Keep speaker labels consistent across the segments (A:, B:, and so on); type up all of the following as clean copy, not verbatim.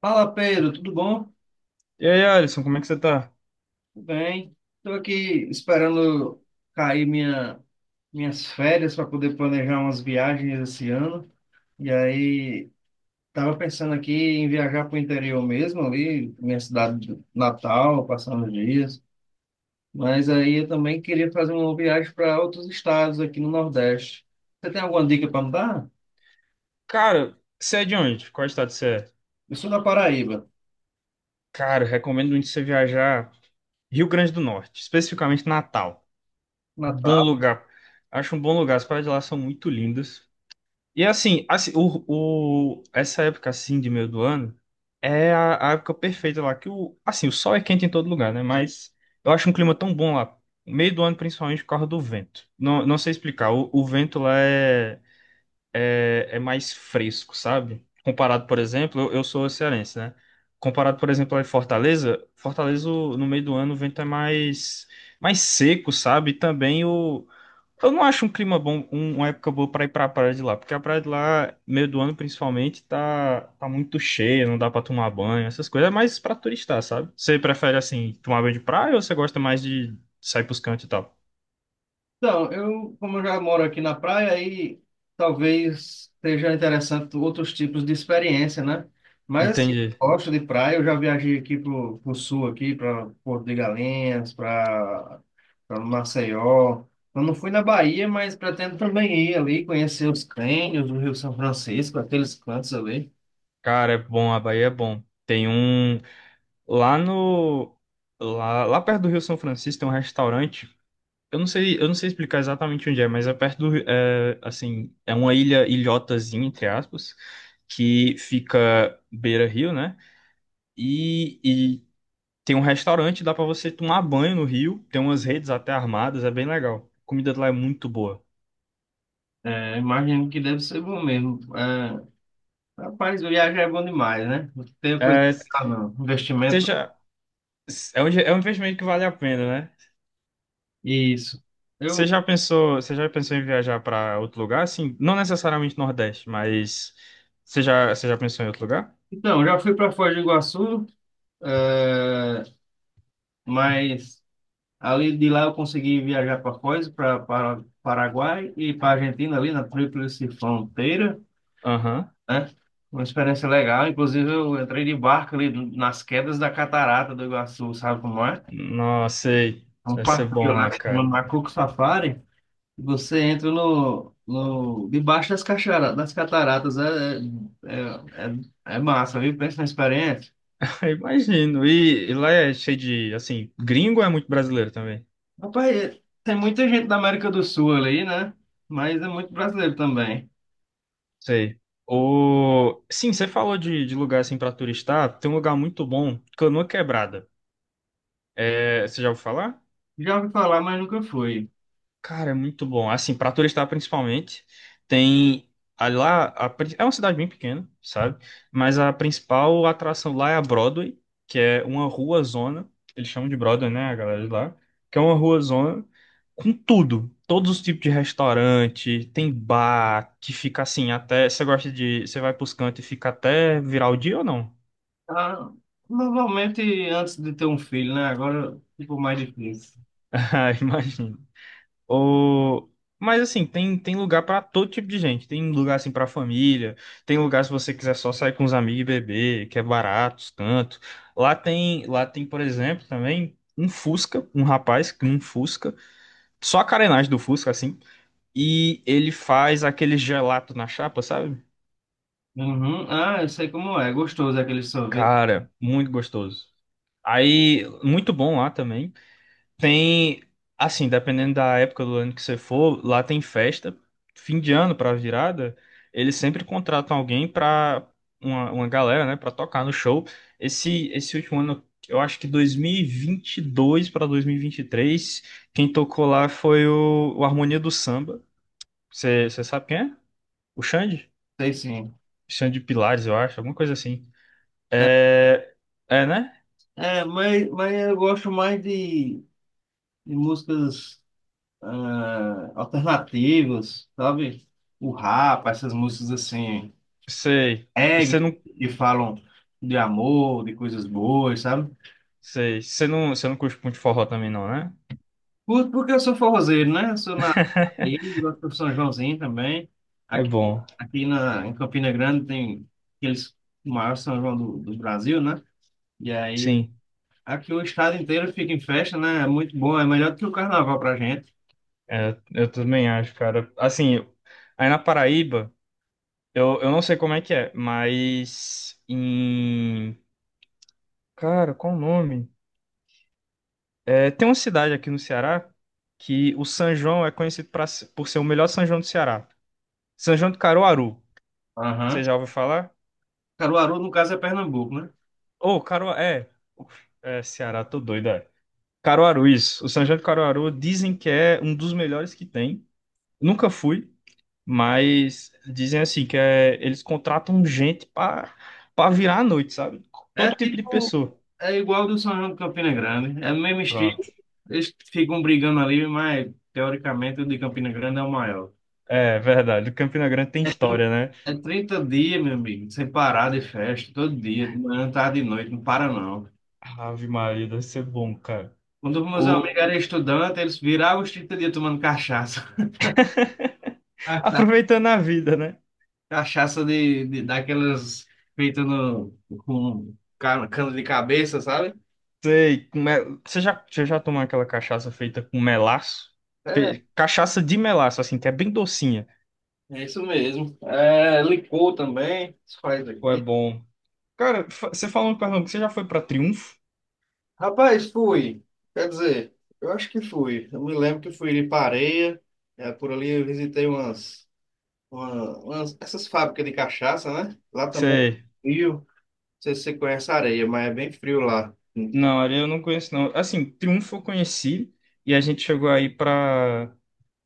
A: Fala, Pedro, tudo bom?
B: E aí, Alisson, como é que você tá?
A: Tudo bem. Estou aqui esperando cair minhas férias para poder planejar umas viagens esse ano. E aí estava pensando aqui em viajar para o interior mesmo, ali, minha cidade natal, passando os dias. Mas aí eu também queria fazer uma viagem para outros estados aqui no Nordeste. Você tem alguma dica para me dar?
B: Cara, você é de onde? Qual estado você é?
A: Eu sou da Paraíba.
B: Cara, eu recomendo muito você viajar Rio Grande do Norte, especificamente Natal. Bom lugar. Acho um bom lugar. As praias de lá são muito lindas. E essa época assim de meio do ano é a época perfeita lá, que o, assim, o sol é quente em todo lugar, né? Mas eu acho um clima tão bom lá. Meio do ano, principalmente por causa do vento. Não, não sei explicar. O vento lá é mais fresco, sabe? Comparado, por exemplo, eu sou cearense, né? Comparado, por exemplo, a Fortaleza, no meio do ano o vento é mais seco, sabe? E também o. Eu não acho um clima bom, uma época boa pra ir pra praia de lá, porque a praia de lá, meio do ano principalmente, tá muito cheia, não dá pra tomar banho, essas coisas, é mais pra turistar, sabe? Você prefere, assim, tomar banho de praia ou você gosta mais de sair pros cantos e tal?
A: Então, eu, como eu já moro aqui na praia, aí talvez seja interessante outros tipos de experiência, né? Mas assim, eu
B: Entendi.
A: gosto de praia, eu já viajei aqui pro sul aqui, para Porto de Galinhas, para Maceió. Eu não fui na Bahia, mas pretendo também ir ali conhecer os cânions do Rio São Francisco, aqueles cantos ali.
B: Cara, é bom, a Bahia é bom. Tem um. Lá no. Lá perto do Rio São Francisco tem um restaurante. Eu não sei explicar exatamente onde é, mas é perto do. É, assim, é uma ilha, ilhotazinha, entre aspas, que fica beira-rio, né? E tem um restaurante, dá pra você tomar banho no rio. Tem umas redes até armadas, é bem legal. A comida lá é muito boa.
A: É, imagino que deve ser bom mesmo. É, rapaz, viajar é bom demais, né? Não tem coisa,
B: É,
A: ah, não, investimento,
B: seja. É é um investimento que vale a pena, né?
A: isso. Eu
B: Você já pensou em viajar para outro lugar? Assim, não necessariamente Nordeste, mas você já pensou em outro lugar?
A: então, já fui para Foz do Iguaçu, eh, mas ali de lá eu consegui viajar para Foz, para Paraguai e para Argentina, ali na Tríplice Fronteira,
B: Aham.
A: né? Uma experiência legal. Inclusive, eu entrei de barco ali nas quedas da Catarata do Iguaçu, sabe como é?
B: Nossa, sei.
A: É um
B: Deve ser
A: passeio
B: bom
A: lá
B: lá,
A: que se chama
B: cara.
A: Macuco Safari. Você entra no, no, debaixo das cataratas, é, é massa, viu? Pensa na experiência.
B: Imagino. E lá é cheio de, assim, gringo ou é muito brasileiro também?
A: Rapaz, tem muita gente da América do Sul ali, né? Mas é muito brasileiro também.
B: Sei. O... Sim, você falou de lugar assim para turistar. Tem um lugar muito bom, Canoa Quebrada. É, você já ouviu falar?
A: Já ouvi falar, mas nunca fui.
B: Cara, é muito bom. Assim, pra turista principalmente, tem é uma cidade bem pequena, sabe? Mas a principal atração lá é a Broadway, que é uma rua zona, eles chamam de Broadway, né, a galera de lá, que é uma rua zona com tudo, todos os tipos de restaurante, tem bar que fica assim até você gosta de, você vai pros cantos e fica até virar o dia ou não?
A: Ah, normalmente antes de ter um filho, né? Agora ficou mais difícil.
B: Ah, imagina. Ou... Mas assim, tem lugar pra todo tipo de gente. Tem lugar assim pra família, tem lugar se você quiser só sair com os amigos e beber, que é barato, tanto. Lá tem, por exemplo, também um Fusca, um rapaz que um Fusca, só a carenagem do Fusca assim, e ele faz aquele gelato na chapa, sabe?
A: Uhum. Ah, eu sei como é. Gostoso aquele sorvete.
B: Cara, muito gostoso. Aí, muito bom lá também. Tem, assim, dependendo da época do ano que você for, lá tem festa, fim de ano pra virada, eles sempre contratam alguém pra uma galera, né, pra tocar no show. Esse último ano, eu acho que 2022 pra 2023 quem tocou lá foi o Harmonia do Samba. Você sabe quem é? O Xande?
A: Sei sim.
B: Xande Pilares, eu acho, alguma coisa assim. É, é, né?
A: É, mas eu gosto mais de músicas ah, alternativas, sabe? O rap, essas músicas assim,
B: Sei. Você
A: reggae,
B: não,
A: que falam de amor, de coisas boas, sabe?
B: você não curte muito forró também não, né?
A: Curto porque eu sou forrozeiro, né? Eu sou na, aí, gosto do São Joãozinho também.
B: É
A: Aqui,
B: bom.
A: em Campina Grande tem aqueles o maior São João do Brasil, né? E aí
B: Sim.
A: aqui o estado inteiro fica em festa, né? É muito bom, é melhor do que o carnaval pra gente.
B: É, eu também acho, cara. Aí na Paraíba, eu não sei como é que é, mas em. Cara, qual o nome? É, tem uma cidade aqui no Ceará que o São João é conhecido pra, se- por ser o melhor São João do Ceará. São João de Caruaru.
A: Aham.
B: Você já ouviu falar?
A: Caruaru, no caso, é Pernambuco, né?
B: Ô, Caruaru. É. Uf, é, Ceará, tô doido, é. Caruaru, isso. O São João de Caruaru dizem que é um dos melhores que tem. Nunca fui. Mas dizem assim que é, eles contratam gente para virar à noite, sabe?
A: É,
B: Todo tipo de pessoa.
A: é igual do São João de Campina Grande, é o mesmo estilo.
B: Pronto.
A: Eles ficam brigando ali, mas teoricamente o de Campina Grande é o maior.
B: É verdade. O Campina Grande tem história, né?
A: É 30 dias, meu amigo, sem parar de festa, todo dia, de manhã, tarde e noite, não para não.
B: Ave Maria, deve ser bom, cara.
A: Quando meus amigos
B: O...
A: eram estudantes, eles viravam os trinta dias tomando cachaça.
B: Aproveitando a vida, né?
A: Cachaça de daquelas feitas no, com cana de cabeça, sabe?
B: Você já tomou aquela cachaça feita com melaço?
A: É,
B: Cachaça de melaço, assim, que é bem docinha.
A: é isso mesmo. É, licor também, se faz
B: Pô, é
A: aqui.
B: bom. Cara, você falou em Pernambuco, você já foi pra Triunfo?
A: Rapaz, fui. Quer dizer, eu acho que fui. Eu me lembro que fui de Pareia, é, por ali eu visitei umas. Essas fábricas de cachaça, né? Lá também é
B: Você
A: frio. Não sei se você conhece a areia, mas é bem frio lá.
B: Não, ali eu não conheço, não. Assim, Triunfo eu conheci e a gente chegou aí pra,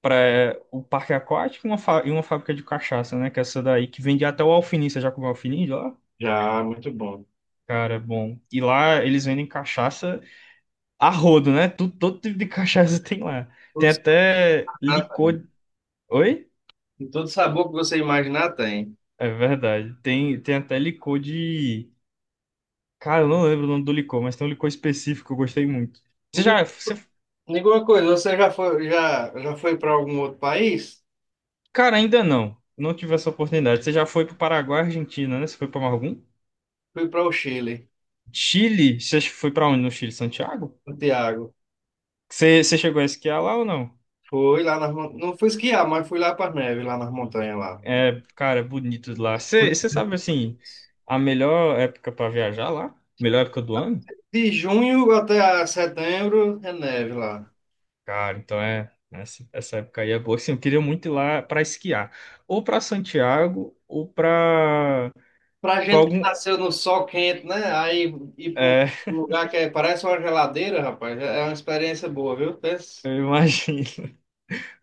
B: o parque aquático e e uma fábrica de cachaça, né? Que é essa daí que vende até o alfinim. Você já comeu alfinim de lá?
A: Já, muito bom.
B: Cara, é bom. E lá eles vendem cachaça a rodo, né? Tudo, todo tipo de cachaça tem lá.
A: Todo
B: Tem até
A: sabor,
B: licor. Oi?
A: todo sabor que você imaginar tem.
B: É verdade. Tem, tem até licor de. Cara, eu não lembro o nome do licor, mas tem um licor específico que eu gostei muito.
A: Me
B: Você
A: di-
B: já, você
A: Me diga uma coisa, você já foi, já foi para algum outro país?
B: Cara, ainda não. Não tive essa oportunidade. Você já foi para Paraguai, Argentina, né? Você foi para algum?
A: Fui para o Chile,
B: Chile? Você foi para onde? No Chile, Santiago?
A: Santiago.
B: Você chegou a esquiar lá ou não?
A: Fui lá não fui esquiar, mas fui lá para as neves, lá nas montanhas lá.
B: É, cara, é bonito lá. Você sabe, assim, a melhor época para viajar lá? Melhor época do ano?
A: De junho até a setembro é neve lá.
B: Cara, então é. Essa época aí é boa. Assim, eu queria muito ir lá para esquiar. Ou para Santiago, ou para
A: Pra gente que
B: algum.
A: nasceu no sol quente, né? Aí ir pra um
B: É,
A: lugar parece uma geladeira, rapaz, é uma experiência boa, viu? Pensa.
B: eu imagino.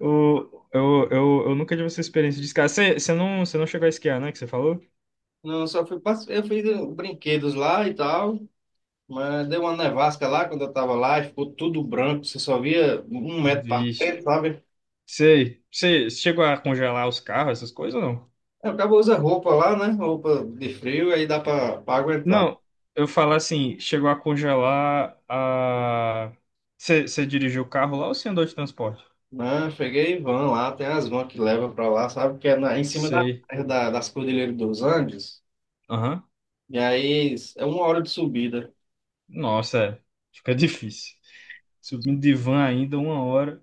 B: Eu nunca tive essa experiência de esquiar. Você não chegou a esquiar, né? Que você falou?
A: Não, eu só fui, eu fiz brinquedos lá e tal, mas deu uma nevasca lá quando eu tava lá, e ficou tudo branco, você só via um metro para frente,
B: Vixe.
A: sabe?
B: Sei. Você chegou a congelar os carros, essas coisas ou não?
A: Eu acabo usando roupa lá, né? Roupa de frio, aí dá pra aguentar.
B: Não, eu falo assim, chegou a congelar a. Você dirigiu o carro lá ou você andou de transporte?
A: Né? Cheguei em van lá, tem as vans que levam pra lá, sabe? Que é em cima
B: Sei.
A: das Cordilheiras dos Andes,
B: Aham.
A: e aí é uma hora de subida.
B: Nossa, é. Fica difícil. Subindo de van ainda, uma hora.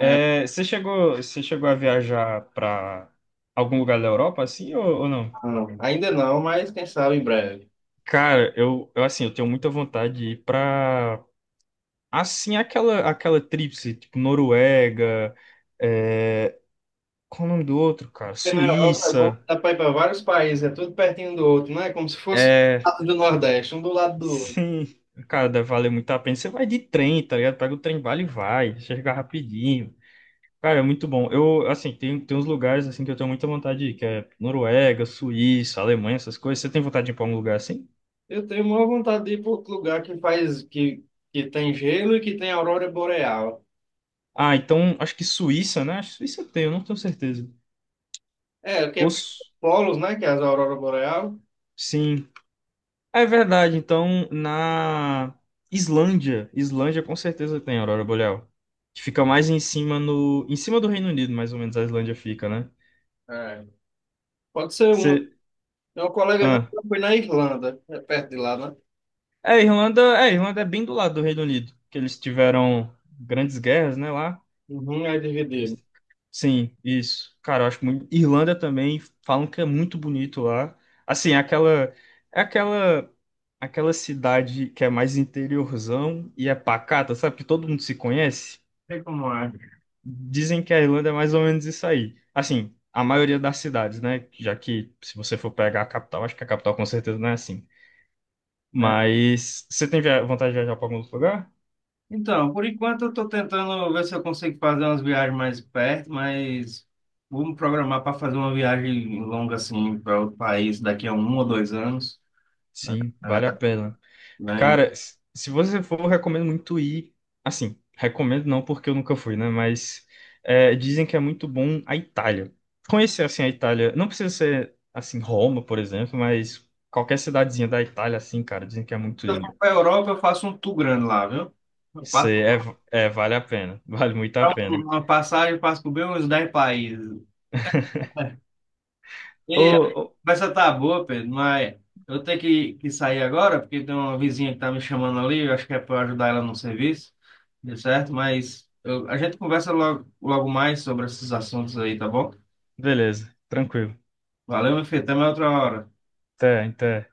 A: É,
B: você chegou a viajar para algum lugar da Europa, assim, ou não?
A: não, ainda não, mas quem sabe em breve.
B: Cara, eu assim, eu tenho muita vontade de ir pra, assim, aquela, aquela tríplice, tipo, Noruega, é... qual o nome do outro, cara?
A: Porque na Europa é bom,
B: Suíça,
A: que dá para ir para vários países, é tudo pertinho um do outro, não é como se fosse o
B: é...
A: lado do Nordeste, um do lado do outro.
B: Sim, cara, deve valer muito a pena. Você vai de trem, tá ligado? Pega o trem, vale e vai, chega rapidinho. Cara, é muito bom. Eu, assim, tem uns lugares, assim, que eu tenho muita vontade de ir, que é Noruega, Suíça, Alemanha, essas coisas. Você tem vontade de ir pra um lugar assim?
A: Eu tenho maior vontade de ir para outro lugar que faz, que tem gelo e que tem aurora boreal.
B: Ah, então, acho que Suíça, né? Acho que Suíça tem, eu não tenho certeza.
A: É, o que
B: Ou...
A: é
B: Su-
A: polos, né, que é as aurora boreal.
B: Sim. É verdade, então na Islândia, Islândia com certeza tem aurora boreal, que fica mais em cima no, em cima do Reino Unido, mais ou menos a Islândia fica, né?
A: É. Pode ser uma.
B: Você,
A: Tem um colega meu
B: ah.
A: que foi na Irlanda, é perto de lá, né?
B: É, Irlanda, é, Irlanda é bem do lado do Reino Unido, que eles tiveram grandes guerras, né, lá.
A: Uhum, é
B: Eles-
A: dividido.
B: Sim, isso. Cara, eu acho muito Irlanda também falam que é muito bonito lá. Assim, é aquela aquela cidade que é mais interiorzão e é pacata, sabe? Que todo mundo se conhece.
A: Sei como é.
B: Dizem que a Irlanda é mais ou menos isso aí. Assim, a maioria das cidades, né? Já que se você for pegar a capital, acho que a capital com certeza não é assim. Mas você tem vontade de viajar para algum outro lugar?
A: Então, por enquanto eu estou tentando ver se eu consigo fazer umas viagens mais perto, mas vou me programar para fazer uma viagem longa assim para outro país daqui a um ou dois anos,
B: Sim, vale a pena.
A: né? E se
B: Cara, se você for, eu recomendo muito ir. Assim, recomendo não porque eu nunca fui, né? Mas é, dizem que é muito bom a Itália. Conhecer assim a Itália, não precisa ser assim Roma, por exemplo, mas qualquer cidadezinha da Itália, assim, cara, dizem que é muito
A: eu for
B: linda.
A: para a Europa, eu faço um tour grande lá, viu? Eu
B: Isso
A: passo
B: aí é, é, vale a pena. Vale muito a
A: pra
B: pena.
A: uma passagem, passo por bem uns 10 países.
B: Ô,
A: E a
B: ô,
A: conversa tá boa, Pedro, mas eu tenho que sair agora, porque tem uma vizinha que tá me chamando ali, eu acho que é para ajudar ela no serviço, deu certo? A gente conversa logo mais sobre esses assuntos aí, tá bom?
B: beleza, tranquilo.
A: Valeu, meu filho, até mais outra hora.
B: Até, até.